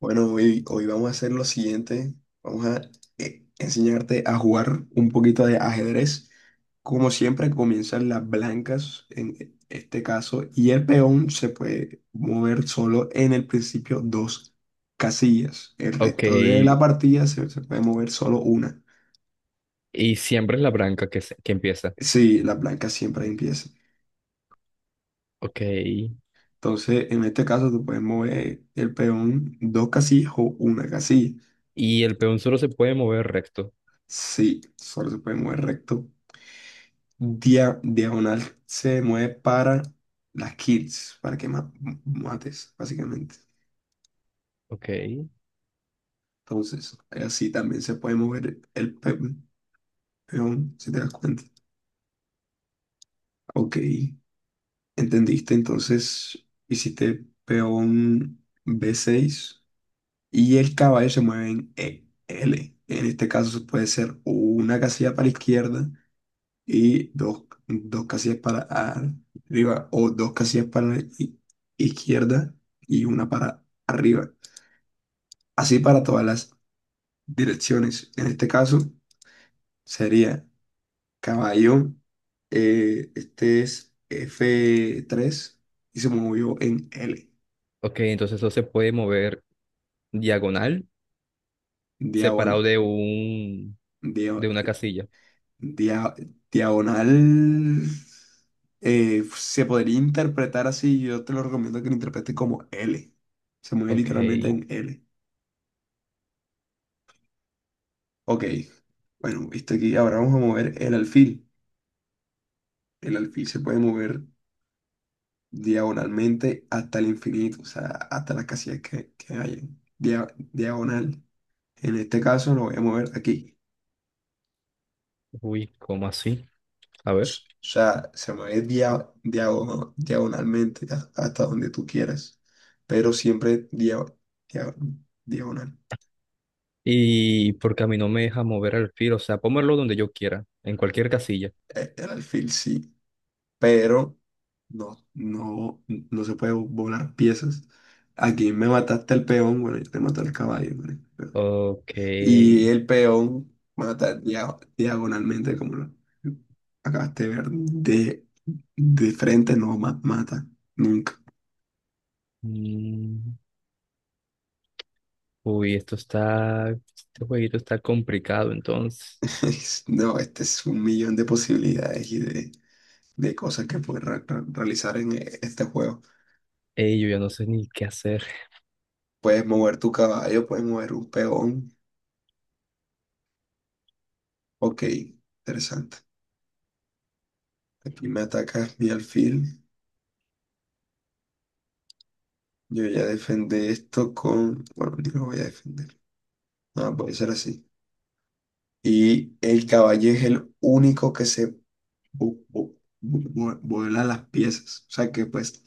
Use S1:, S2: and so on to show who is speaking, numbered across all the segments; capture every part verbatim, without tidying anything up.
S1: Bueno, hoy, hoy vamos a hacer lo siguiente. Vamos a eh, enseñarte a jugar un poquito de ajedrez. Como siempre, comienzan las blancas en e, este caso y el peón se puede mover solo en el principio dos casillas. El
S2: Ok,
S1: resto de la partida se, se puede mover solo una.
S2: y siempre es la branca que, se- que empieza.
S1: Sí, las blancas siempre empiezan.
S2: Ok,
S1: Entonces, en este caso, tú puedes mover el peón dos casillas o una casilla.
S2: y el peón solo se puede mover recto.
S1: Sí, solo se puede mover recto, dia- diagonal, se mueve para las kills, para que ma- mates, básicamente.
S2: Ok,
S1: Entonces, así también se puede mover el pe- peón, si te das cuenta. Ok, entendiste. Entonces, hiciste peón b seis y el caballo se mueve en E- L. En este caso puede ser una casilla para la izquierda y dos, dos casillas para arriba o dos casillas para la i- izquierda y una para arriba. Así para todas las direcciones. En este caso sería caballo. Eh, este es f tres y se movió en L.
S2: ok, entonces eso se puede mover diagonal,
S1: Diagonal.
S2: separado de un, de una casilla.
S1: Diagonal. Eh, se podría interpretar así. Yo te lo recomiendo que lo interpretes como L. Se mueve
S2: Ok,
S1: literalmente en L. Ok, bueno, viste aquí, ahora vamos a mover el alfil. El alfil se puede mover diagonalmente hasta el infinito, o sea, hasta las casillas que, que hay. Dia- diagonal. En este caso lo voy a mover aquí.
S2: uy, ¿cómo así? A ver.
S1: S- O sea, se mueve dia- diago- diagonalmente ha- hasta donde tú quieras, pero siempre dia- dia- diagonal.
S2: Y porque a mí no me deja mover el alfil, o sea, puedo moverlo donde yo quiera, en cualquier casilla.
S1: Eh, El alfil sí, pero no, no, no se puede volar piezas. Aquí me mataste el peón, bueno, yo te maté el caballo, marica, pero...
S2: Ok,
S1: Y el peón mata dia- diagonalmente, como lo acabaste de ver, de, de frente no ma- mata, nunca.
S2: mm, uy, esto está, este jueguito está complicado, entonces.
S1: Es- No, este es un millón de posibilidades y de, de cosas que puedes re- re- realizar en eh, este juego.
S2: Ey, yo ya no sé ni qué hacer.
S1: Puedes mover tu caballo, puedes mover un peón. Ok, interesante. Aquí me atacas mi alfil. Yo ya defendí esto con... Bueno, ni lo voy a defender. No, puede ser así. Y el caballo es el único que se vu- vu- vu- vu- vuela las piezas. O sea, que puedes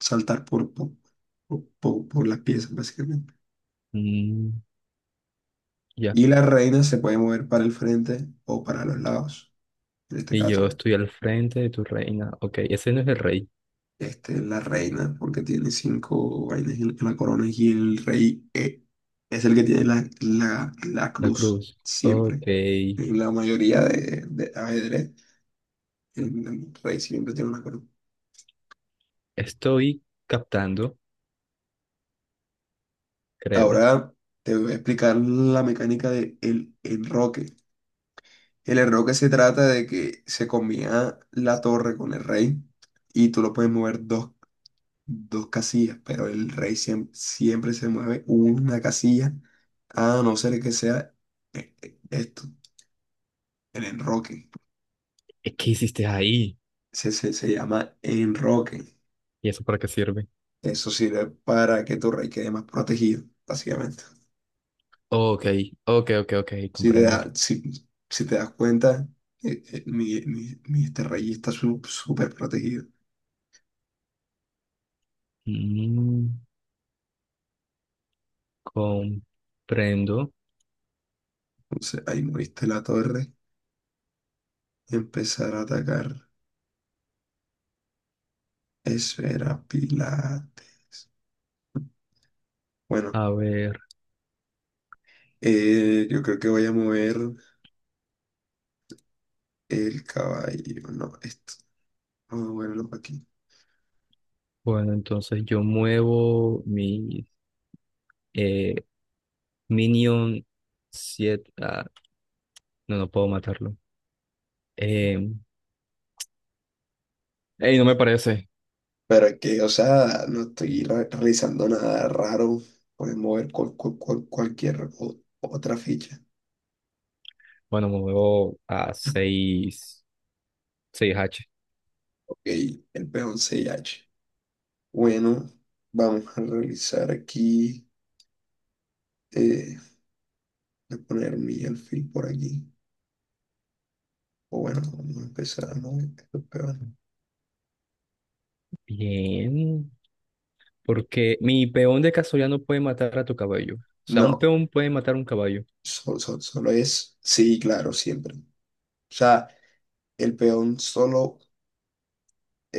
S1: saltar por, por, por, por- por las piezas, básicamente.
S2: Mm. Ya.
S1: Y la reina se puede mover para el frente o para los lados, en este
S2: Y yo
S1: caso, ¿no?
S2: estoy al frente de tu reina. Ok, ese no es el rey.
S1: Este, la reina, porque tiene cinco vainas en en la corona y el rey eh, es el que tiene la, la, la
S2: La
S1: cruz
S2: cruz.
S1: siempre.
S2: Ok.
S1: En la mayoría de, de ajedrez, el, el rey siempre tiene una corona.
S2: Estoy captando, creo.
S1: Ahora te voy a explicar la mecánica del enroque. El enroque se trata de que se combina la torre con el rey y tú lo puedes mover dos dos casillas, pero el rey siem- siempre se mueve una casilla, a no ser que sea eh, eh, esto, el enroque.
S2: Eh, ¿Qué hiciste ahí?
S1: Se, se, se llama enroque.
S2: ¿Y eso para qué sirve?
S1: Eso sirve para que tu rey quede más protegido, básicamente.
S2: Ok, ok, ok, ok,
S1: Si te,
S2: comprendo.
S1: da- si, si te das cuenta, eh, eh, mi, mi- mi este rey está su- súper protegido.
S2: Mm, comprendo.
S1: Entonces ahí moviste la torre, y empezar a atacar. Esfera Pilates. Bueno,
S2: A ver.
S1: eh, yo creo que voy a mover. El caballo, no, esto. Vamos a moverlo para aquí.
S2: Bueno, entonces yo muevo mi eh, Minion siete. Ah, no, no puedo matarlo. Eh, ey, no me parece.
S1: Pero es que, o sea, no estoy re- realizando nada raro. Pueden mover cual- cual- cual- cualquier o- otra ficha.
S2: Bueno, me muevo a seis, seis h.
S1: Ok, el peón once h. Bueno, vamos a realizar aquí. Eh, voy a poner mi alfil por aquí. O bueno, vamos a empezar a mover estos peones.
S2: Bien, porque mi peón de casualidad no puede matar a tu caballo. O sea, un
S1: No,
S2: peón puede matar a un caballo.
S1: solo, solo es. Sí, claro, siempre. O sea, el peón solo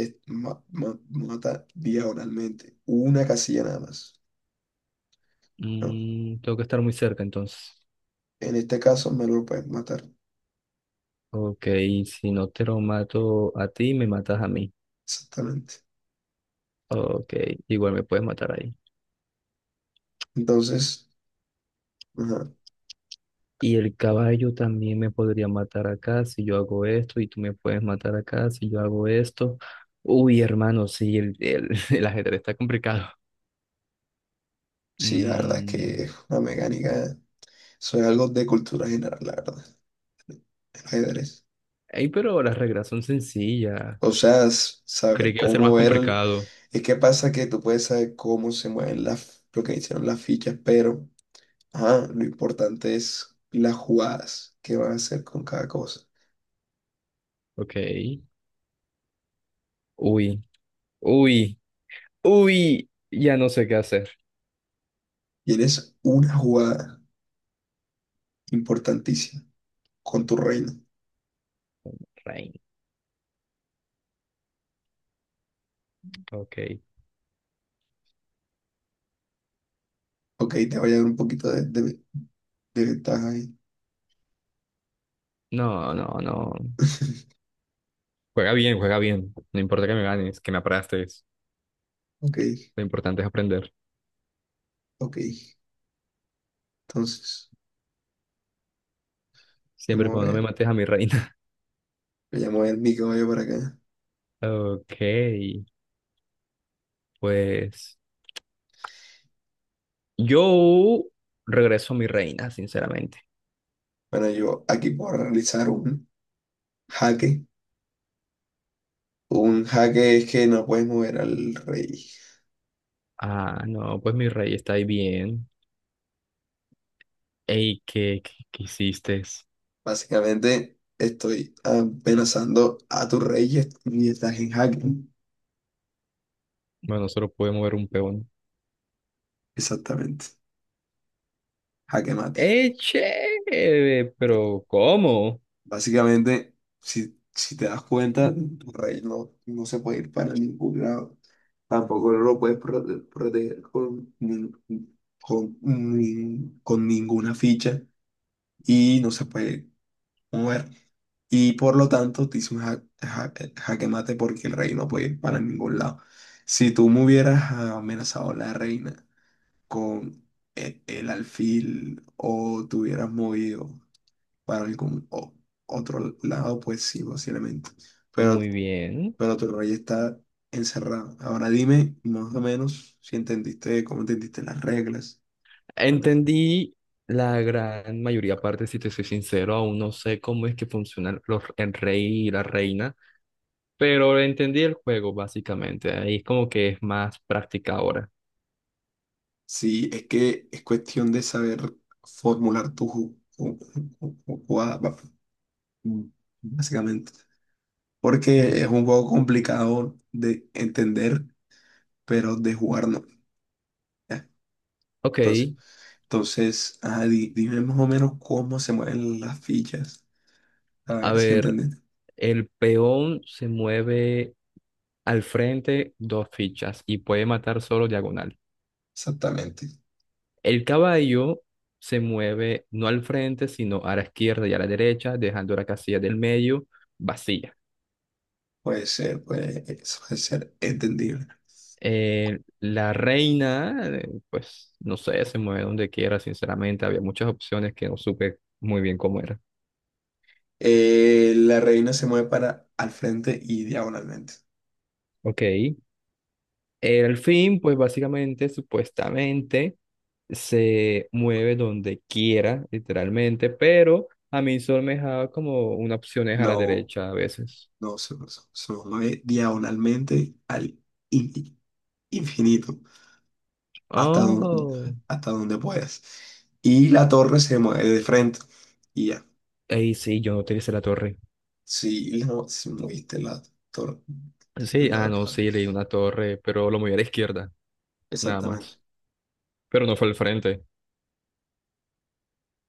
S1: es ma- ma- mata diagonalmente, una casilla nada más. ¿No?
S2: Mm, tengo que estar muy cerca entonces.
S1: En este caso me lo pueden matar,
S2: Ok, si no te lo mato a ti, me matas a mí.
S1: exactamente.
S2: Ok, igual me puedes matar ahí.
S1: Entonces, ajá,
S2: Y el caballo también me podría matar acá si yo hago esto, y tú me puedes matar acá si yo hago esto. Uy, hermano, sí, el, el, el ajedrez está complicado.
S1: sí, la verdad es
S2: Mm,
S1: que es una mecánica, eso es algo de cultura general, la verdad, el ajedrez.
S2: ey, pero las reglas son
S1: O
S2: sencillas.
S1: sea, s-
S2: Creí
S1: saber
S2: que iba a ser
S1: cómo
S2: más
S1: ver,
S2: complicado.
S1: es que pasa que tú puedes saber cómo se mueven las, lo que hicieron las fichas, pero ajá, lo importante es las jugadas que van a hacer con cada cosa.
S2: Ok. Uy, uy, uy. Ya no sé qué hacer.
S1: Y eres una jugada importantísima con tu reino.
S2: Rain. Ok.
S1: Ok, te voy a dar un poquito de, de- de ventaja ahí.
S2: No, no, no. Juega bien, juega bien. No importa que me ganes, que me aplastes.
S1: Ok,
S2: Lo importante es aprender.
S1: ok. Entonces,
S2: Siempre
S1: voy
S2: y
S1: a
S2: cuando no me
S1: ver.
S2: mates a mi reina.
S1: Voy a mover mi caballo para acá.
S2: Ok, pues yo regreso a mi reina, sinceramente.
S1: Bueno, yo aquí puedo realizar un jaque. Un jaque es que no puedes mover al rey.
S2: Ah, no, pues mi rey está ahí bien. Ey, ¿qué, qué, qué hiciste?
S1: Básicamente, estoy amenazando a tu rey y est- y estás en jaque.
S2: Bueno, solo puede mover un peón.
S1: Exactamente. Jaque mate.
S2: ¡Eh, chévere! Pero, ¿cómo?
S1: Básicamente, si, si te das cuenta, tu rey no, no se puede ir para ningún lado. Tampoco no lo puedes prote- proteger con, nin- con, nin- con ninguna ficha y no se puede mover. Y por lo tanto, te hice un ja- ja- jaque mate porque el rey no puede ir para ningún lado. Si tú me hubieras amenazado a la reina con e- el, alfil o te hubieras movido para algún o- otro lado, pues sí, posiblemente. Pero,
S2: Muy bien.
S1: pero tu rey está encerrado. Ahora dime más o menos si entendiste, cómo entendiste las reglas. cómo te-
S2: Entendí la gran mayoría parte, si te soy sincero, aún no sé cómo es que funcionan los, el rey y la reina, pero entendí el juego básicamente, ahí es como que es más práctica ahora.
S1: Sí, es que es cuestión de saber formular tu ju- ju- ju- ju- jugada, ba- mm, básicamente. Porque
S2: En-
S1: es un juego complicado de entender, pero de jugar no, ¿ya?
S2: Ok,
S1: Entonces, entonces ajá, di- dime más o menos cómo se mueven las fichas. A
S2: a
S1: ver si
S2: ver,
S1: entendí.
S2: el peón se mueve al frente dos fichas y puede matar solo diagonal.
S1: Exactamente.
S2: El caballo se mueve no al frente, sino a la izquierda y a la derecha, dejando la casilla del medio vacía.
S1: Puede ser, puede eso puede ser entendible.
S2: Eh, la reina, eh, pues no sé, se mueve donde quiera, sinceramente. Había muchas opciones que no supe muy bien cómo era.
S1: Eh, la reina se mueve para al frente y diagonalmente.
S2: Ok. El fin, pues básicamente, supuestamente, se mueve donde quiera, literalmente, pero a mí solo me dejaba como una opción es a la
S1: No,
S2: derecha a veces.
S1: no, Se, se- se mueve diagonalmente al in- infinito, hasta donde,
S2: Oh.
S1: hasta donde puedas. Y la torre se mueve de frente. Y ya.
S2: Ey, sí, yo no utilicé la torre.
S1: Si, la- si moviste la torre.
S2: Sí, ah,
S1: la-
S2: no, sí, leí una torre, pero lo moví a la izquierda, nada
S1: Exactamente.
S2: más. Pero no fue al frente.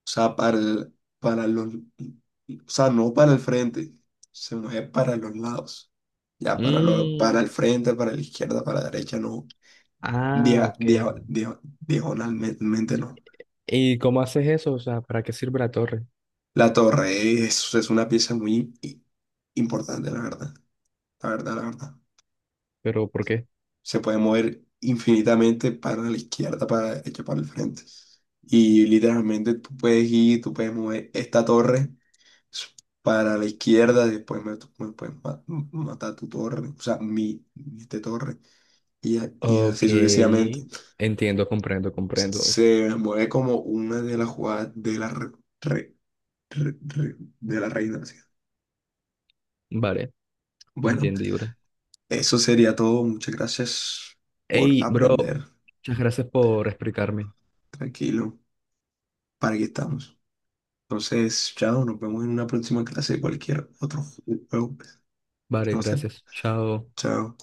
S1: O sea, para el- para los, o sea, no para el frente, sino es para los lados. Ya para lo, para
S2: Mm.
S1: el frente, para la izquierda, para la derecha, no.
S2: Ah,
S1: Dia-
S2: ok.
S1: dia- dia- diagonalmente no.
S2: ¿Y cómo haces eso? O sea, ¿para qué sirve la torre?
S1: La torre es, es una pieza muy i- importante, la verdad. La verdad, la verdad.
S2: ¿Pero por qué?
S1: Se puede mover infinitamente para la izquierda, para la derecha, para el frente. Y literalmente tú puedes ir, tú puedes mover esta torre para la izquierda, después me, me puedes ma- matar tu torre, o sea, mi, mi este torre, y, a- y
S2: Ok,
S1: así sucesivamente.
S2: entiendo, comprendo, comprendo.
S1: Se mueve como una de las jugadas de la, re- re- re- re- de la reina. Así.
S2: Vale,
S1: Bueno,
S2: entendible.
S1: eso sería todo. Muchas gracias por
S2: Hey, bro,
S1: aprender.
S2: muchas gracias por explicarme.
S1: Tranquilo, para aquí estamos. Entonces, chao, nos vemos en una próxima clase de cualquier otro juego que
S2: Vale,
S1: no sé.
S2: gracias. Chao.
S1: Chao.